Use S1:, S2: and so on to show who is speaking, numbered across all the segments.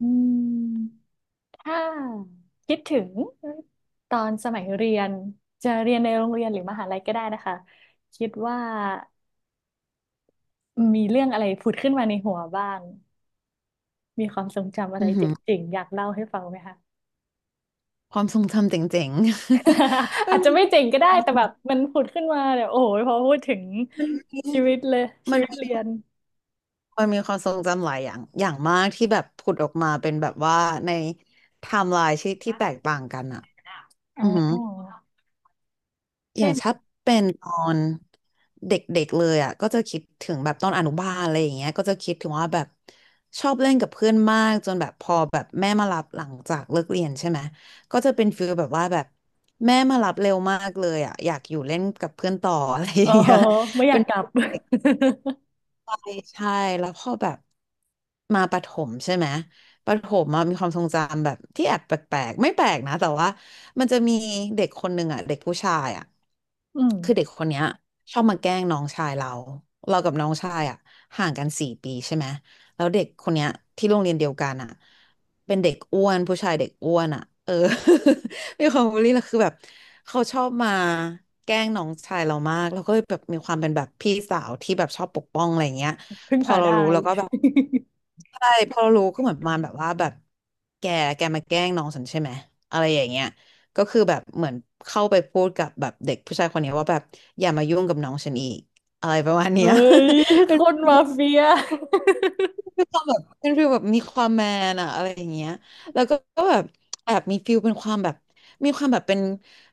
S1: อืมถ้าคิดถึงตอนสมัยเรียนจะเรียนในโรงเรียนหรือมหาลัยก็ได้นะคะคิดว่ามีเรื่องอะไรผุดขึ้นมาในหัวบ้างมีความทรงจำอะไร
S2: อือหือ
S1: เจ๋งๆอยากเล่าให้ฟังไหมคะ
S2: ความทรงจำเจ๋งๆ มั
S1: อาจจะไม่
S2: น
S1: เจ๋งก็ได้แต่แบบมันผุดขึ้นมาเดี๋ยวโอ้โหพอพูดถึง
S2: มันมี
S1: ชีวิตเลยชี
S2: มัน
S1: วิต
S2: มี
S1: เรียน
S2: มันมีความทรงจำหลายอย่างอย่างมากที่แบบผุดออกมาเป็นแบบว่าในไทม์ไลน์ที่แตกต่างกันอ่ะ
S1: อ๋
S2: อื
S1: อ
S2: อหือ อย่า
S1: เช่
S2: ง
S1: น
S2: ถ้าเป็นตอนเด็กๆเลยอ่ะก็จะคิดถึงแบบตอนอนุบาลอะไรอย่างเงี้ยก็จะคิดถึงว่าแบบชอบเล่นกับเพื่อนมากจนแบบพอแบบแม่มารับหลังจากเลิกเรียนใช่ไหมก็จะเป็นฟีลแบบว่าแบบแม่มารับเร็วมากเลยอ่ะอยากอยู่เล่นกับเพื่อนต่ออะไร อ
S1: โอ้
S2: ย่าง
S1: โห
S2: เงี้ย
S1: ไม่อ
S2: เป็
S1: ยาก
S2: น
S1: กลับ
S2: ใช่แล้วพอแบบมาประถมใช่ไหมประถมอะมีความทรงจำแบบที่แอบแปลกๆไม่แปลกนะแต่ว่ามันจะมีเด็กคนหนึ่งอ่ะเด็กผู้ชายอ่ะ
S1: อืม
S2: คือเด็กคนเนี้ยชอบมาแกล้งน้องชายเราเรากับน้องชายอ่ะห่างกันสี่ปีใช่ไหม แล้วเด็กคนเนี้ยที่โรงเรียนเดียวกันอ่ะเป็นเด็กอ้วนผู้ชายเด็กอ้วนอ่ะเออ มีความบูลลี่แล้วคือแบบเขาชอบมาแกล้งน้องชายเรามากแล้วก็เลยแบบมีความเป็นแบบพี่สาวที่แบบชอบปกป้องอะไรเงี้ย
S1: พึ่ง
S2: พอ
S1: พา
S2: เรา
S1: ได้
S2: รู้เราก็แบบใช่พอเรารู้ก็เหมือนประมาณแบบว่าแบบแกแกมาแกล้งน้องฉันใช่ไหมอะไรอย่างเงี้ยก็คือแบบเหมือนเข้าไปพูดกับแบบเด็กผู้ชายคนนี้ว่าแบบอย่ามายุ่งกับน้องฉันอีกอะไรประมาณเนี้
S1: เฮ้
S2: ย
S1: ย
S2: เป็น
S1: คนมาเฟีย
S2: เป็นความแบบเป็นฟีลแบบมีความแมนอะอะไรอย่างเงี้ยแล้วก็แบบแอบมีฟีลเป็นความแบบมีความแบบเป็น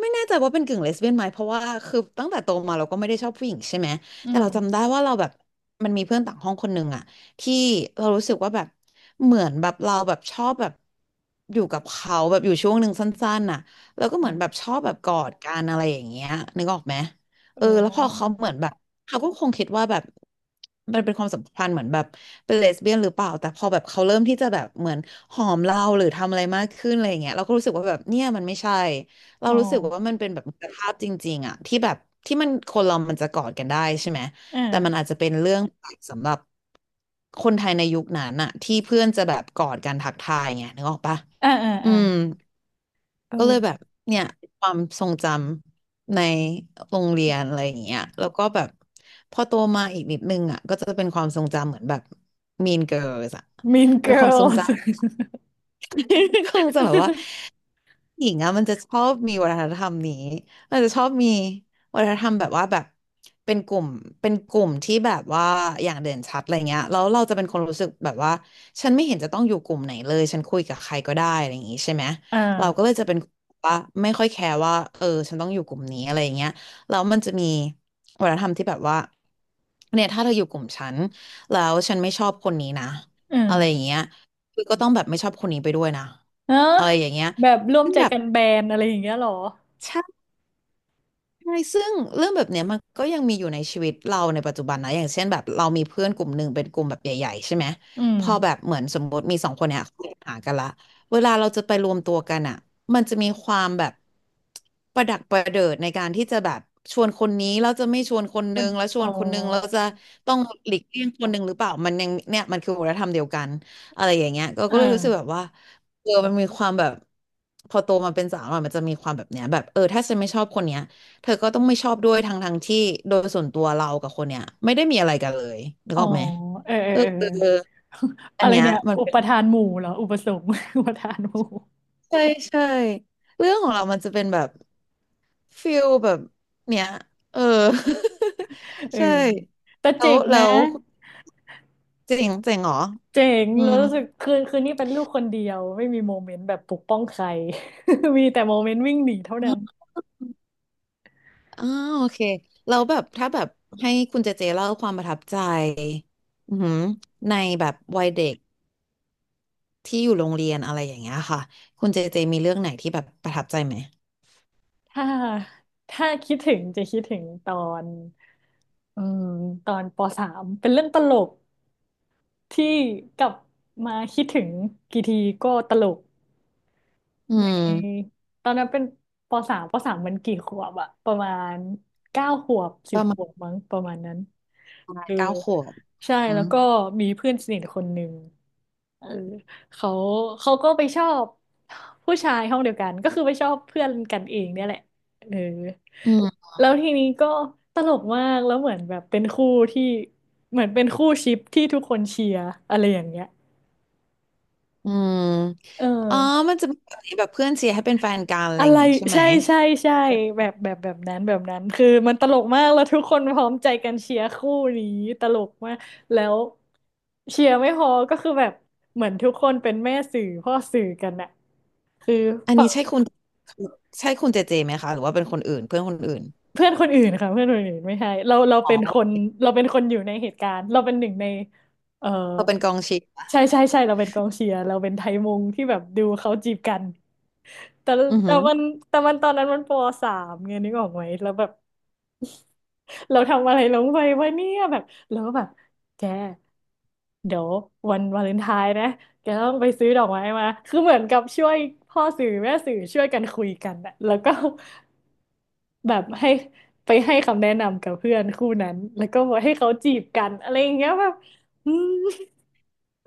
S2: ไม่แน่ใจว่าเป็นกึ่งเลสเบี้ยนไหมเพราะว่าคือตั้งแต่โตมาเราก็ไม่ได้ชอบผู้หญิงใช่ไหม
S1: อื
S2: แต่
S1: ม
S2: เราจำได้ว่าเราแบบมันมีเพื่อนต่างห้องคนหนึ่งอะที่เรารู้สึกว่าแบบเหมือนแบบเราแบบชอบแบบอยู่กับเขาแบบอยู่ช่วงหนึ่งสั้นๆน่ะแล้วก็เห
S1: อ
S2: มือนแบบช
S1: ม
S2: อบแบบกอดกันอะไรอย่างเงี้ยนึกออกไหมเอ
S1: อ๋
S2: อ
S1: อ
S2: แล้วพอเขาเหมือนแบบเขาก็คงคิดว่าแบบมันเป็นความสัมพันธ์เหมือนแบบ เป็นเลสเบี้ยนหรือเปล่าแต่พอแบบเขาเริ่มที่จะแบบเหมือนหอมเราหรือทำอะไรมากขึ้นอะไรอย่างเงี้ยเราก็รู้สึกว่าแบบเนี่ยมันไม่ใช่เรา
S1: อ๋อ
S2: รู้สึกว่ามันเป็นแบบมิตรภาพจริงๆอะที่แบบที่มันคนเรามันจะกอดกันได้ใช่ไหม
S1: อ
S2: แต่มันอา
S1: ่า
S2: จจะเป็นเรื่องสำหรับคนไทยในยุคนั้นอะที่เพื่อนจะแบบกอดกันทักทายไงนึกออกปะ
S1: อ่าอ่า
S2: อื
S1: อ่า
S2: ม
S1: เอ
S2: ก็เลยแบบ
S1: อ
S2: เนี่ยความทรงจำในโรงเรียนอะไรอย่างเงี้ยแล้วก็แบบพอโตมาอีกนิดนึงอ่ะก็จะเป็นความทรงจำเหมือนแบบ Mean Girls อ่ะ
S1: Mean
S2: เป็นความทรง
S1: Girls
S2: จำ คงจะแบบว่า หญิงอะมันจะชอบมีวัฒนธรรมนี้มันจะชอบมีวัฒนธรรมแบบว่าแบบเป็นกลุ่มเป็นกลุ่มที่แบบว่าอย่างเด่นชัดอะไรเงี้ยแล้วเราจะเป็นคนรู้สึกแบบว่าฉันไม่เห็นจะต้องอยู่กลุ่มไหนเลยฉันคุยกับใครก็ได้อะไรอย่างงี้ใช่ไหม
S1: อ่
S2: เราก็เล
S1: า
S2: ยจะเป็นว่าไม่ค่อยแคร์ว่าเออฉันต้องอยู่กลุ่มนี้อะไรอย่างเงี้ยแล้วมันจะมีวัฒนธรรมที่แบบว่าเนี่ยถ้าเธออยู่กลุ่มฉันแล้วฉันไม่ชอบคนนี้นะ
S1: อืม
S2: อะไรอย่างเงี้ยคือก็ต้องแบบไม่ชอบคนนี้ไปด้วยนะ
S1: เนอะ
S2: อะไรอย่างเงี้ย
S1: แบบร่วม
S2: ซึ่ง
S1: ใจ
S2: แบบ
S1: กันแบนอะไรอย่างเงี้ยเหรอ
S2: ใช่ ใช่ซึ่งเรื่องแบบเนี้ยมันก็ยังมีอยู่ในชีวิตเราในปัจจุบันนะอย่างเช่นแบบเรามีเพื่อนกลุ่มหนึ่งเป็นกลุ่มแบบใหญ่ๆใช่ไหม
S1: อืม
S2: พอแบบเหมือนสมมติมีสองคนเนี้ยเขามีปัญหากันละเวลาเราจะไปรวมตัวกันอ่ะมันจะมีความแบบประดักประเดิดในการที่จะแบบชวนคนนี้แล้วจะไม่ชวนคน
S1: ค
S2: นึ
S1: น
S2: งแล้วช
S1: อ๋
S2: ว
S1: อ
S2: นคนนึงเราจะต้องหลีกเลี่ยงคนนึงหรือเปล่ามันยังเนี่ยมันคือวัฒนธรรมเดียวกันอะไรอย่างเงี้ยก็
S1: อ่
S2: ก็เลยรู้สึกแบบ
S1: า
S2: ว่าเออมันมีความแบบพอโตมาเป็นสาวอะมันจะมีความแบบเนี้ยแบบเออถ้าฉันไม่ชอบคนเนี้ย เธอก็ต้องไม่ชอบด้วยทั้งที่โดยส่วนตัวเรากับคนเนี้ยไม่ได้มีอะไรกันเลยนึ
S1: อ๋
S2: ก
S1: อ
S2: ออกไหม
S1: เออเออ
S2: เออ
S1: เออ
S2: เอออั
S1: อะ
S2: น
S1: ไร
S2: เนี้ย
S1: เนี่ย
S2: มัน
S1: อุ
S2: เป็
S1: ป
S2: น
S1: ทานหมู่เหรออุปสงค์ อุปทานหมู่
S2: ใช่ใช่เรื่องของเรามันจะเป็นแบบฟิลแบบเนี้ยเออ
S1: เอ อ
S2: ใช่
S1: แต่
S2: แล้
S1: เจ๋
S2: ว
S1: ง
S2: แล้
S1: นะ
S2: วเจ๋งเจ๋งเหรอ
S1: เจ๋ง
S2: อื
S1: แล้ว
S2: ม
S1: รู้สึกคืนนี้เป็นลูก คนเดียว ไม่มีโมเมนต์แบบปกป้องใคร มีแต่โมเมนต์วิ่งหนีเท่า
S2: อ
S1: นั้น
S2: มอ่าโอเคแล้วแบบถ้าแบบให้คุณเจเจเล่าความประทับใจอือหือในแบบวัยเด็กที่อยู่โรงเรียนอะไรอย่างเงี้ยค่ะคุณเจเจมีเรื่องไหนที่แบบประทับใจไหม
S1: ถ้าถ้าคิดถึงจะคิดถึงตอนอืมตอนปสามเป็นเรื่องตลกที่กลับมาคิดถึง กี่ทีก็ตลก
S2: อื
S1: ใน
S2: ม
S1: ตอนนั้นเป็นปสามมันกี่ขวบอะประมาณ9 ขวบสิ
S2: ป
S1: บ
S2: ระ
S1: ข
S2: มาณ
S1: วบมั้งประมาณนั้น
S2: ประมา
S1: เอ
S2: ณ
S1: อ
S2: 9 ขวบ
S1: ใช่
S2: อื
S1: แล้ว
S2: ม
S1: ก็มีเพื่อนสนิทคนหนึ่ง เออเขาเขาก็ไปชอบผู้ชายห้องเดียวกันก็คือไปชอบเพื่อนกันเองเนี่ยแหละเออ
S2: อืม
S1: แล้วทีนี้ก็ตลกมากแล้วเหมือนแบบเป็นคู่ที่เหมือนเป็นคู่ชิปที่ทุกคนเชียร์อะไรอย่างเงี้ย
S2: อืม
S1: เอ
S2: อ๋อ
S1: อ
S2: มันจะมีแบบนี้แบบเพื่อนเชียร์ให้เป็นแฟนกันอะไร
S1: อะ
S2: อย่า
S1: ไร
S2: งงี้ใช่ไหม
S1: ใช่ใช่ใช่แบบแบบแบบนั้นแบบนั้นคือมันตลกมากแล้วทุกคนพร้อมใจกันเชียร์คู่นี้ตลกมากแล้วเชียร์ไม่พอก็คือแบบเหมือนทุกคนเป็นแม่สื่อพ่อสื่อกันอะคือ
S2: อันนี้ใช่คุณใช่คุณเจเจไหมคะหรือว่าเป็นคนอื่นเพื่อนคนอื่น
S1: เพื่อนคนอื่นค่ะเพื่อนคนอื่นไม่ใช่เราเรา
S2: อ๋
S1: เป็นคน
S2: อ
S1: เราเป็นคนอยู่ในเหตุการณ์เราเป็นหนึ่งในเออ
S2: เขาเป็นกองเชียร์
S1: ใช่ใช่ใช่เราเป็นกองเชียร์เราเป็นไทยมุงที่แบบดูเขาจีบกันแต่
S2: อือ
S1: แต่
S2: หือ
S1: มันแต่มันตอนนั้นมันปสามไงนึกออกไหมแล้วแบบเราทำอะไรลงไปวะเนี่ยแบบแล้วก็แบบแก เดี๋ยววันวาเลนไทน์นะแกต้องไปซื้อดอกไม้มา คือเหมือนกับช่วยพ่อสื่อแม่สื่อช่วยกันคุยกันอะแล้วก็แบบให้ไปให้คำแนะนำกับเพื่อนคู่นั้นแล้วก็บอกให้เขาจีบกันอะไรอย่างเงี้ยแบบอืม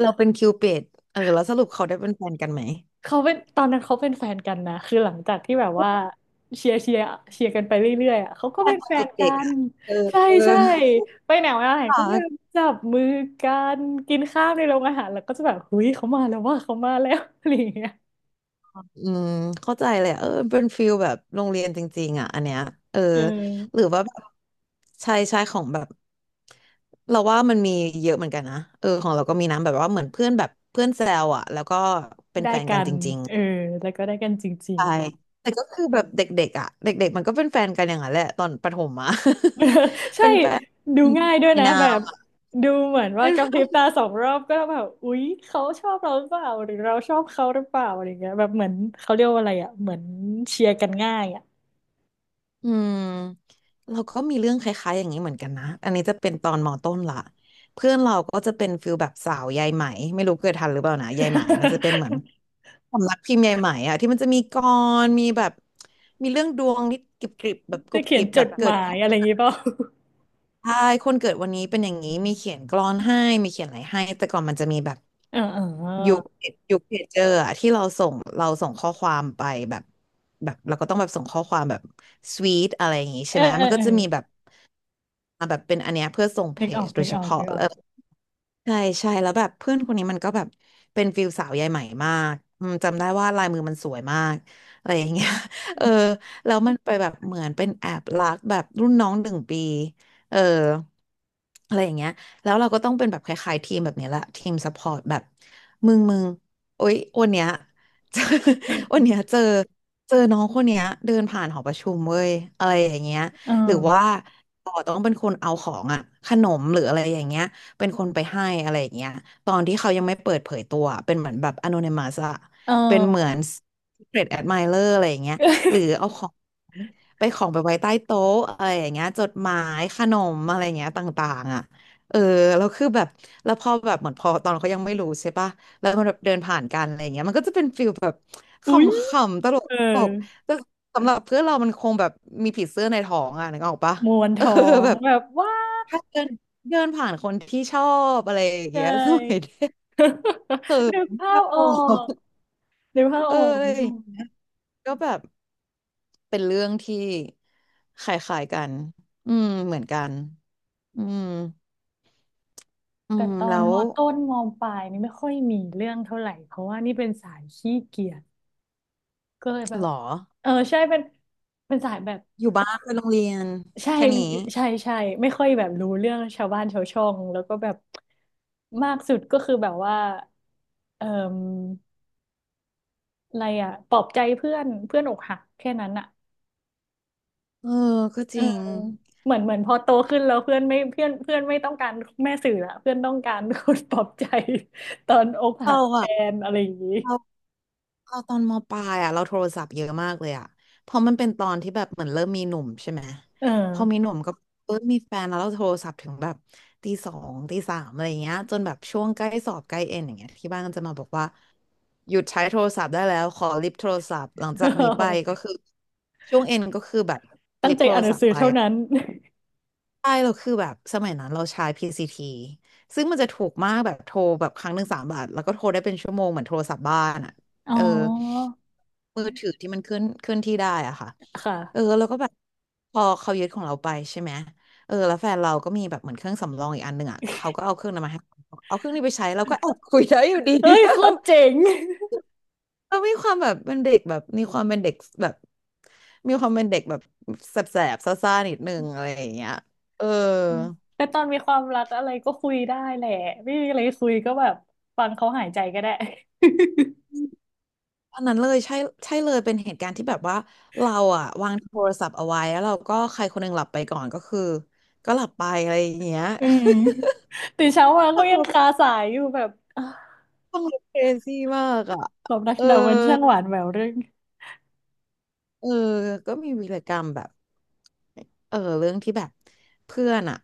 S2: เราเป็นคิวปิดเออแล้วสรุปเขาได้เป็นแฟนกันไหม
S1: เขาเป็นตอนนั้นเขาเป็นแฟนกันนะคือหลังจากที่แบบว่าเชียร์เชียร์เชียร์กันไปเรื่อยๆอ่ะเขาก็
S2: แฟ
S1: เป็
S2: น
S1: น
S2: ต
S1: แฟ
S2: อ
S1: น
S2: น
S1: กั
S2: เด็กๆ
S1: น
S2: อ่ะเอ
S1: ใช่ใช่
S2: อ
S1: ไปไหนมาไหนก็แบบ
S2: ค่ะ
S1: จับมือกันกินข้าวในโรงอาหารแล้วก็จะแบบเฮ้ยเขามาแล้วว่าเขามาแล้ว อะไรอย่างเงี้ย
S2: อืมเข้าใจเลยอะเออเป็นฟิลแบบโรงเรียนจริงๆอ่ะอันเนี้ยเออ
S1: เอ
S2: หรือ
S1: อ
S2: ว่าแบบใช่ใช่ของแบบเราว่ามันมีเยอะเหมือนกันนะเออของเราก็มีนะแบบว่าเหมือนเพื่อนแบบเพื่อนแซวอ่ะแล้วก็เป็น
S1: ได้
S2: แฟน
S1: กั
S2: กัน
S1: น
S2: จริง
S1: เออแล้วก็ได้กันจริ
S2: ๆ
S1: ง
S2: ใช่แต่ก็คือแบบเด็กๆอ่ะเด็กๆมันก็เป็นแฟนกันอย่างนั้นแหละตอนประถมอ่ะ
S1: ใช่
S2: เป็นแฟน
S1: ดูง่ายด้วย
S2: ใน
S1: นะ
S2: นา
S1: แบ
S2: ม
S1: บ
S2: อะ
S1: ดูเหมือนว่ากระพริบตา2 รอบก็แบบอุ๊ยเขาชอบเราหรือเปล่าหรือเราชอบเขาหรือเปล่าอะไรเงี้ยแบบเหมือนเขาเรียกว่าอะไรอ่ะเหมือนเชียร์กันง่ายอ่ะ
S2: อืมเราก็มีเรื่องคล้ายๆอย่างนี้เหมือนกันนะอันนี้จะเป็นตอนมต้นละเพื่อนเราก็จะเป็นฟิลแบบสาวยายไหมไม่รู้เคยทันหรือเปล่านะยายไหมมันจะเป็นเหมือน สำนักพิมพ์ยายไหมอะที่มันจะมีกลอนมีแบบมีเรื่องดวงนิดกริบๆแบบกรุ
S1: จะ
S2: บ
S1: เขี
S2: ก
S1: ย
S2: ริ
S1: น
S2: บ
S1: จ
S2: แบบ
S1: ด
S2: เกิ
S1: หมา
S2: ด
S1: ยอะไรอย่างงี้เปล่า
S2: ใช่คนเกิดวันนี้เป็นอย่างนี้มีเขียนกลอนให้มีเขียนอะไรให้ แต่ก่อนมันจะมีแบบ
S1: เออเอ
S2: ยุค
S1: อ
S2: ยุคเพจเจอร์อะที่เราส่งเราส่งข้อความไปแบบแบบเราก็ต้องแบบส่งข้อความแบบสวีทอะไรอย่างงี้
S1: เอ
S2: ใช่
S1: อ
S2: ไหม
S1: เอ
S2: มั
S1: อ
S2: นก็
S1: เออ
S2: จะมีแบบอ่ะแบบเป็นอันเนี้ยเพื่อส่งเพ
S1: นึกออ
S2: จ
S1: ก
S2: โด
S1: นึ
S2: ย
S1: ก
S2: เฉ
S1: ออก
S2: พาะ
S1: นึกออก
S2: ใช่ใช่แล้วแบบเพื่อนคนนี้มันก็แบบเป็นฟิลสาวยายไหมมากอืมจำได้ว่าลายมือมันสวยมากอะไรอย่างเงี้ย เออแล้วมันไปแบบเหมือนเป็นแอบรักแบบรุ่นน้อง1 ปีเอออะไรอย่างเงี้ยแล้วเราก็ต้องเป็นแบบคล้ายๆทีมแบบเนี้ยแหละทีมซัพพอร์ตแบบมึงโอ๊ยวันเนี้ย เจอ วันเนี้ยเจอเจอน้องคนเนี้ยเดินผ่านหอประชุมเว้ยอะไรอย่างเงี้ย
S1: เออ
S2: หรือว่าเราต้องเป็นคนเอาของอะขนมหรืออะไรอย่างเงี้ย เป็นคนไปให้อะไรอย่างเงี้ยตอนที่เขายังไม่เปิดเผยตัวเป็นเหมือนแบบ anonymous อะ
S1: เอ
S2: เป็นเหมือ
S1: อ
S2: น secret admirer อะไรอย่างเงี้ยหรือ เอาของไปของไปไว้ใต้โต๊ะอะไรอย่างเงี้ยจดหมายขนมอะไรอย่างเงี้ยต่างๆอ่ะเออแล้วคือแบบแล้วพอแบบเหมือนพอตอนเขายังไม่รู้ใช่ปะแล้วอย่างเงี้ยมันก็จะเป็นฟิลแบบข
S1: อุ๊ย
S2: ำๆตลก
S1: เออ
S2: ตลกแต่สำหรับเพื่อนเรามันคงแบบมีผีเสื้อในท้องอ่ะนึกออกปะ
S1: มวน
S2: เออ
S1: ท้อง
S2: แบบ
S1: แบบว้าว
S2: ถ้าเดินเดินผ่านคนที่ชอบอะไรอย่าง
S1: เล
S2: เงี้ย สมัยเด็
S1: ย
S2: กเขิ น
S1: นึกภา
S2: ชอ
S1: พออ
S2: บ
S1: กนึกภาพ
S2: เอ
S1: อ
S2: อ
S1: อก
S2: อะไรอ
S1: นึก
S2: ย่าง
S1: ภาพออก
S2: เงี้ยก็แบบเป็นเรื่องที่คล้ายๆกันอืมเหมือนกันอืมอื
S1: แต่
S2: ม
S1: ตอ
S2: แล้
S1: น
S2: ว
S1: มอต้นมอปลายนี่ไม่ค่อยมีเรื่องเท่าไหร่เพราะว่านี่เป็นสายขี้เกียจก็เลยแบ
S2: หร
S1: บ
S2: อ
S1: เออใช่เป็นสายแบบ
S2: อยู่บ้านไปโรงเรียน
S1: ใช่
S2: แค่นี้
S1: ใช่ใช่ไม่ค่อยแบบรู้เรื่องชาวบ้านชาวช่องแล้วก็แบบมากสุดก็คือแบบว่าเอ่ออะไรอะปลอบใจเพื่อนเพื่อนอกหักแค่นั้นอะ
S2: เออก็จ
S1: เออ
S2: ริง
S1: เหมือนเหมือนพอโตขึ้นแล้วเพื่อนไม่ต้องการแม่สื่อละเพื่อนต้องการคนปลอบใจตอนอกหั
S2: เรา
S1: กแท
S2: อะ
S1: นอะไรอย่างนี้
S2: เรา เราตอนมปลายอ่ะเราโทรศัพท์เยอะมากเลยอ่ะเพราะมันเป็นตอนที่แบบเหมือนเริ่มมีหนุ่มใช่ไหม
S1: เอ
S2: พอมีหนุ่มก็เออมีแฟนแล้วเราโทรศัพท์ถึงแบบตี 2 ตี 3อะไรเงี้ยจนแบบช่วงใกล้สอบใกล้เอ็นอย่างเงี้ยที่บ้านก็จะมาบอกว่าหยุดใช้โทรศัพท์ได้แล้วขอลิฟต์โทรศัพท์หลังจากนี้ไปก็
S1: อ
S2: คือช่วงเอ็นก็คือแบบ
S1: ตั้
S2: ลิ
S1: ง
S2: ฟ
S1: ใจ
S2: ต์โทร
S1: อ่านหนั
S2: ศั
S1: ง
S2: พ
S1: สื
S2: ท์
S1: อ
S2: ไป
S1: เท่านั้น
S2: ใช่เราคือแบบสมัยนั้นเราใช้พี c ีทีซึ่งมันจะถูกมากแบบโทรแบบครั้งหนึ่ง3 บาทแล้วก็โทรได้เป็นชั่วโมงเหมือนโทรศัพท์บ้านอ่ะ
S1: อ๋
S2: เออ
S1: อ
S2: มือถือที่มันเคลื่อนที่ได้อ่ะค่ะเออ
S1: ค่ะ
S2: แล้วก็แบบพอเขายึดของเราไปใช่ไหมเออแล้วแฟนเราก็มีแบบเหมือนเครื่องสำรองอีกอันหนึ่งอ่ะเขาก็เอาเครื่องนั้นมาให้เราเอาเครื่องนี้ไปใช้เราก็ แอบคุยได้อยู่ดี
S1: เฮ้ย
S2: แบ
S1: โค
S2: บ
S1: ตรเจ๋ง
S2: เรามีความแบบเป็นเด็กแบบมีความเป็นเด็กแบบมีความเป็นเด็กแบบแสบๆซ่าๆนิดนึงอะไรอย่างเงี้ยเออ
S1: อืมแต่ตอนมีความรักอะไรก็คุยได้แหละ ไม่มีอะไรคุยก็แบบฟังเขาหายใจก็ได้
S2: อันนั้นเลยใช่ใช่เลยเป็นเหตุการณ์ที่แบบว่าเราอะวางโทรศัพท์เอาไว้แล้วเราก็ใครคนหนึ่งหลับไปก่อนก็คือก็หลับไปอะไรอย่างเงี้ย
S1: อืมตื่นเช้ามา
S2: ฟั
S1: ก็
S2: ง
S1: ยังคา
S2: เรา
S1: สายอยู่แบบอ่ะ
S2: ฟังเครซี่มากอ่ะ
S1: ความรักเรามันช่างหวานแหววเรื่อง
S2: เออก็มีวีรกรรมแบบเออเรื่องที่แบบเพื่อนอ่ะ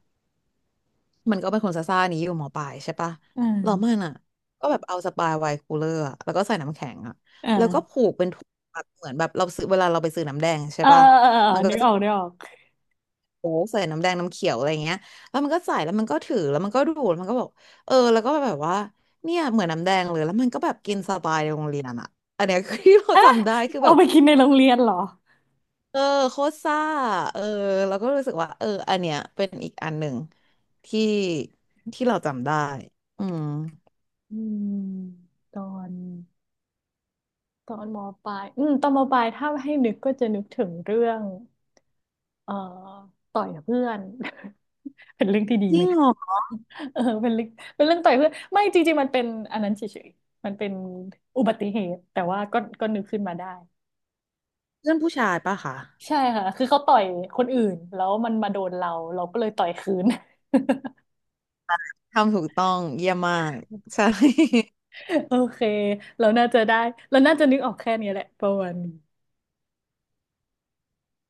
S2: มันก็เป็นคนซ่าๆนี้อยู่หมอปลายใช่ปะ
S1: อื
S2: เรามั
S1: ม
S2: นอ่ะก็แบบเอาสปายไวน์คูลเลอร์อะแล้วก็ใส่น้ำแข็งอ่ะ
S1: อ
S2: แล้วก็
S1: ่า
S2: ผูกเป็นถุงแบบเหมือนแบบเราซื้อเวลาเราไปซื้อน้ำแดงใช่
S1: อ่า
S2: ปะ
S1: อ่าอ่า
S2: มันก็
S1: นึก
S2: จะ
S1: ออกนึกออก
S2: โอ้ใส่น้ำแดงน้ำเขียวอะไรเงี้ยแล้วมันก็ใส่แล้วมันก็ถือแล้วมันก็ดูดมันก็บอกเออแล้วก็แบบว่าเนี่ยเหมือนน้ำแดงเลยแล้วมันก็แบบกินสปายในโรงเรียนอ่ะอันเนี้ย คือที่เราจำได้คือแบ
S1: เอา
S2: บ
S1: ไปกินในโรงเรียนเหรอ
S2: เออโคตรซ่าเออเราก็รู้สึกว่าเอออันเนี้ยเป็นอีกอันหนึ่งที่ที่เราจำได้อืม
S1: อืมตอนตอนมปลายอืมตอนมปลายถ้าให้นึกก็จะนึกถึงเรื่อง เอ่อต่อยกับเพื่อน เป็นเรื่องที่ดี
S2: จ
S1: ไห
S2: ริ
S1: ม
S2: งเหรอ
S1: เออเป็นเรื่องเป็นเรื่องต่อยเพื่อนไม่จริงๆมันเป็นอันนั้นเฉยๆมันเป็นอุบัติเหตุแต่ว่าก็นึกขึ้นมาได้
S2: เพื่อนผู้ชายปะคะ
S1: ใช่ค่ะคือเขาต่อยคนอื่นแล้วมันมาโดนเราเราก็เลยต่อยคืน
S2: ทำถูกต้องเยี่ยมมากใช่
S1: โอเคเราน่าจะได้เราน่าจะนึกออกแค่นี้แหละประมาณนี้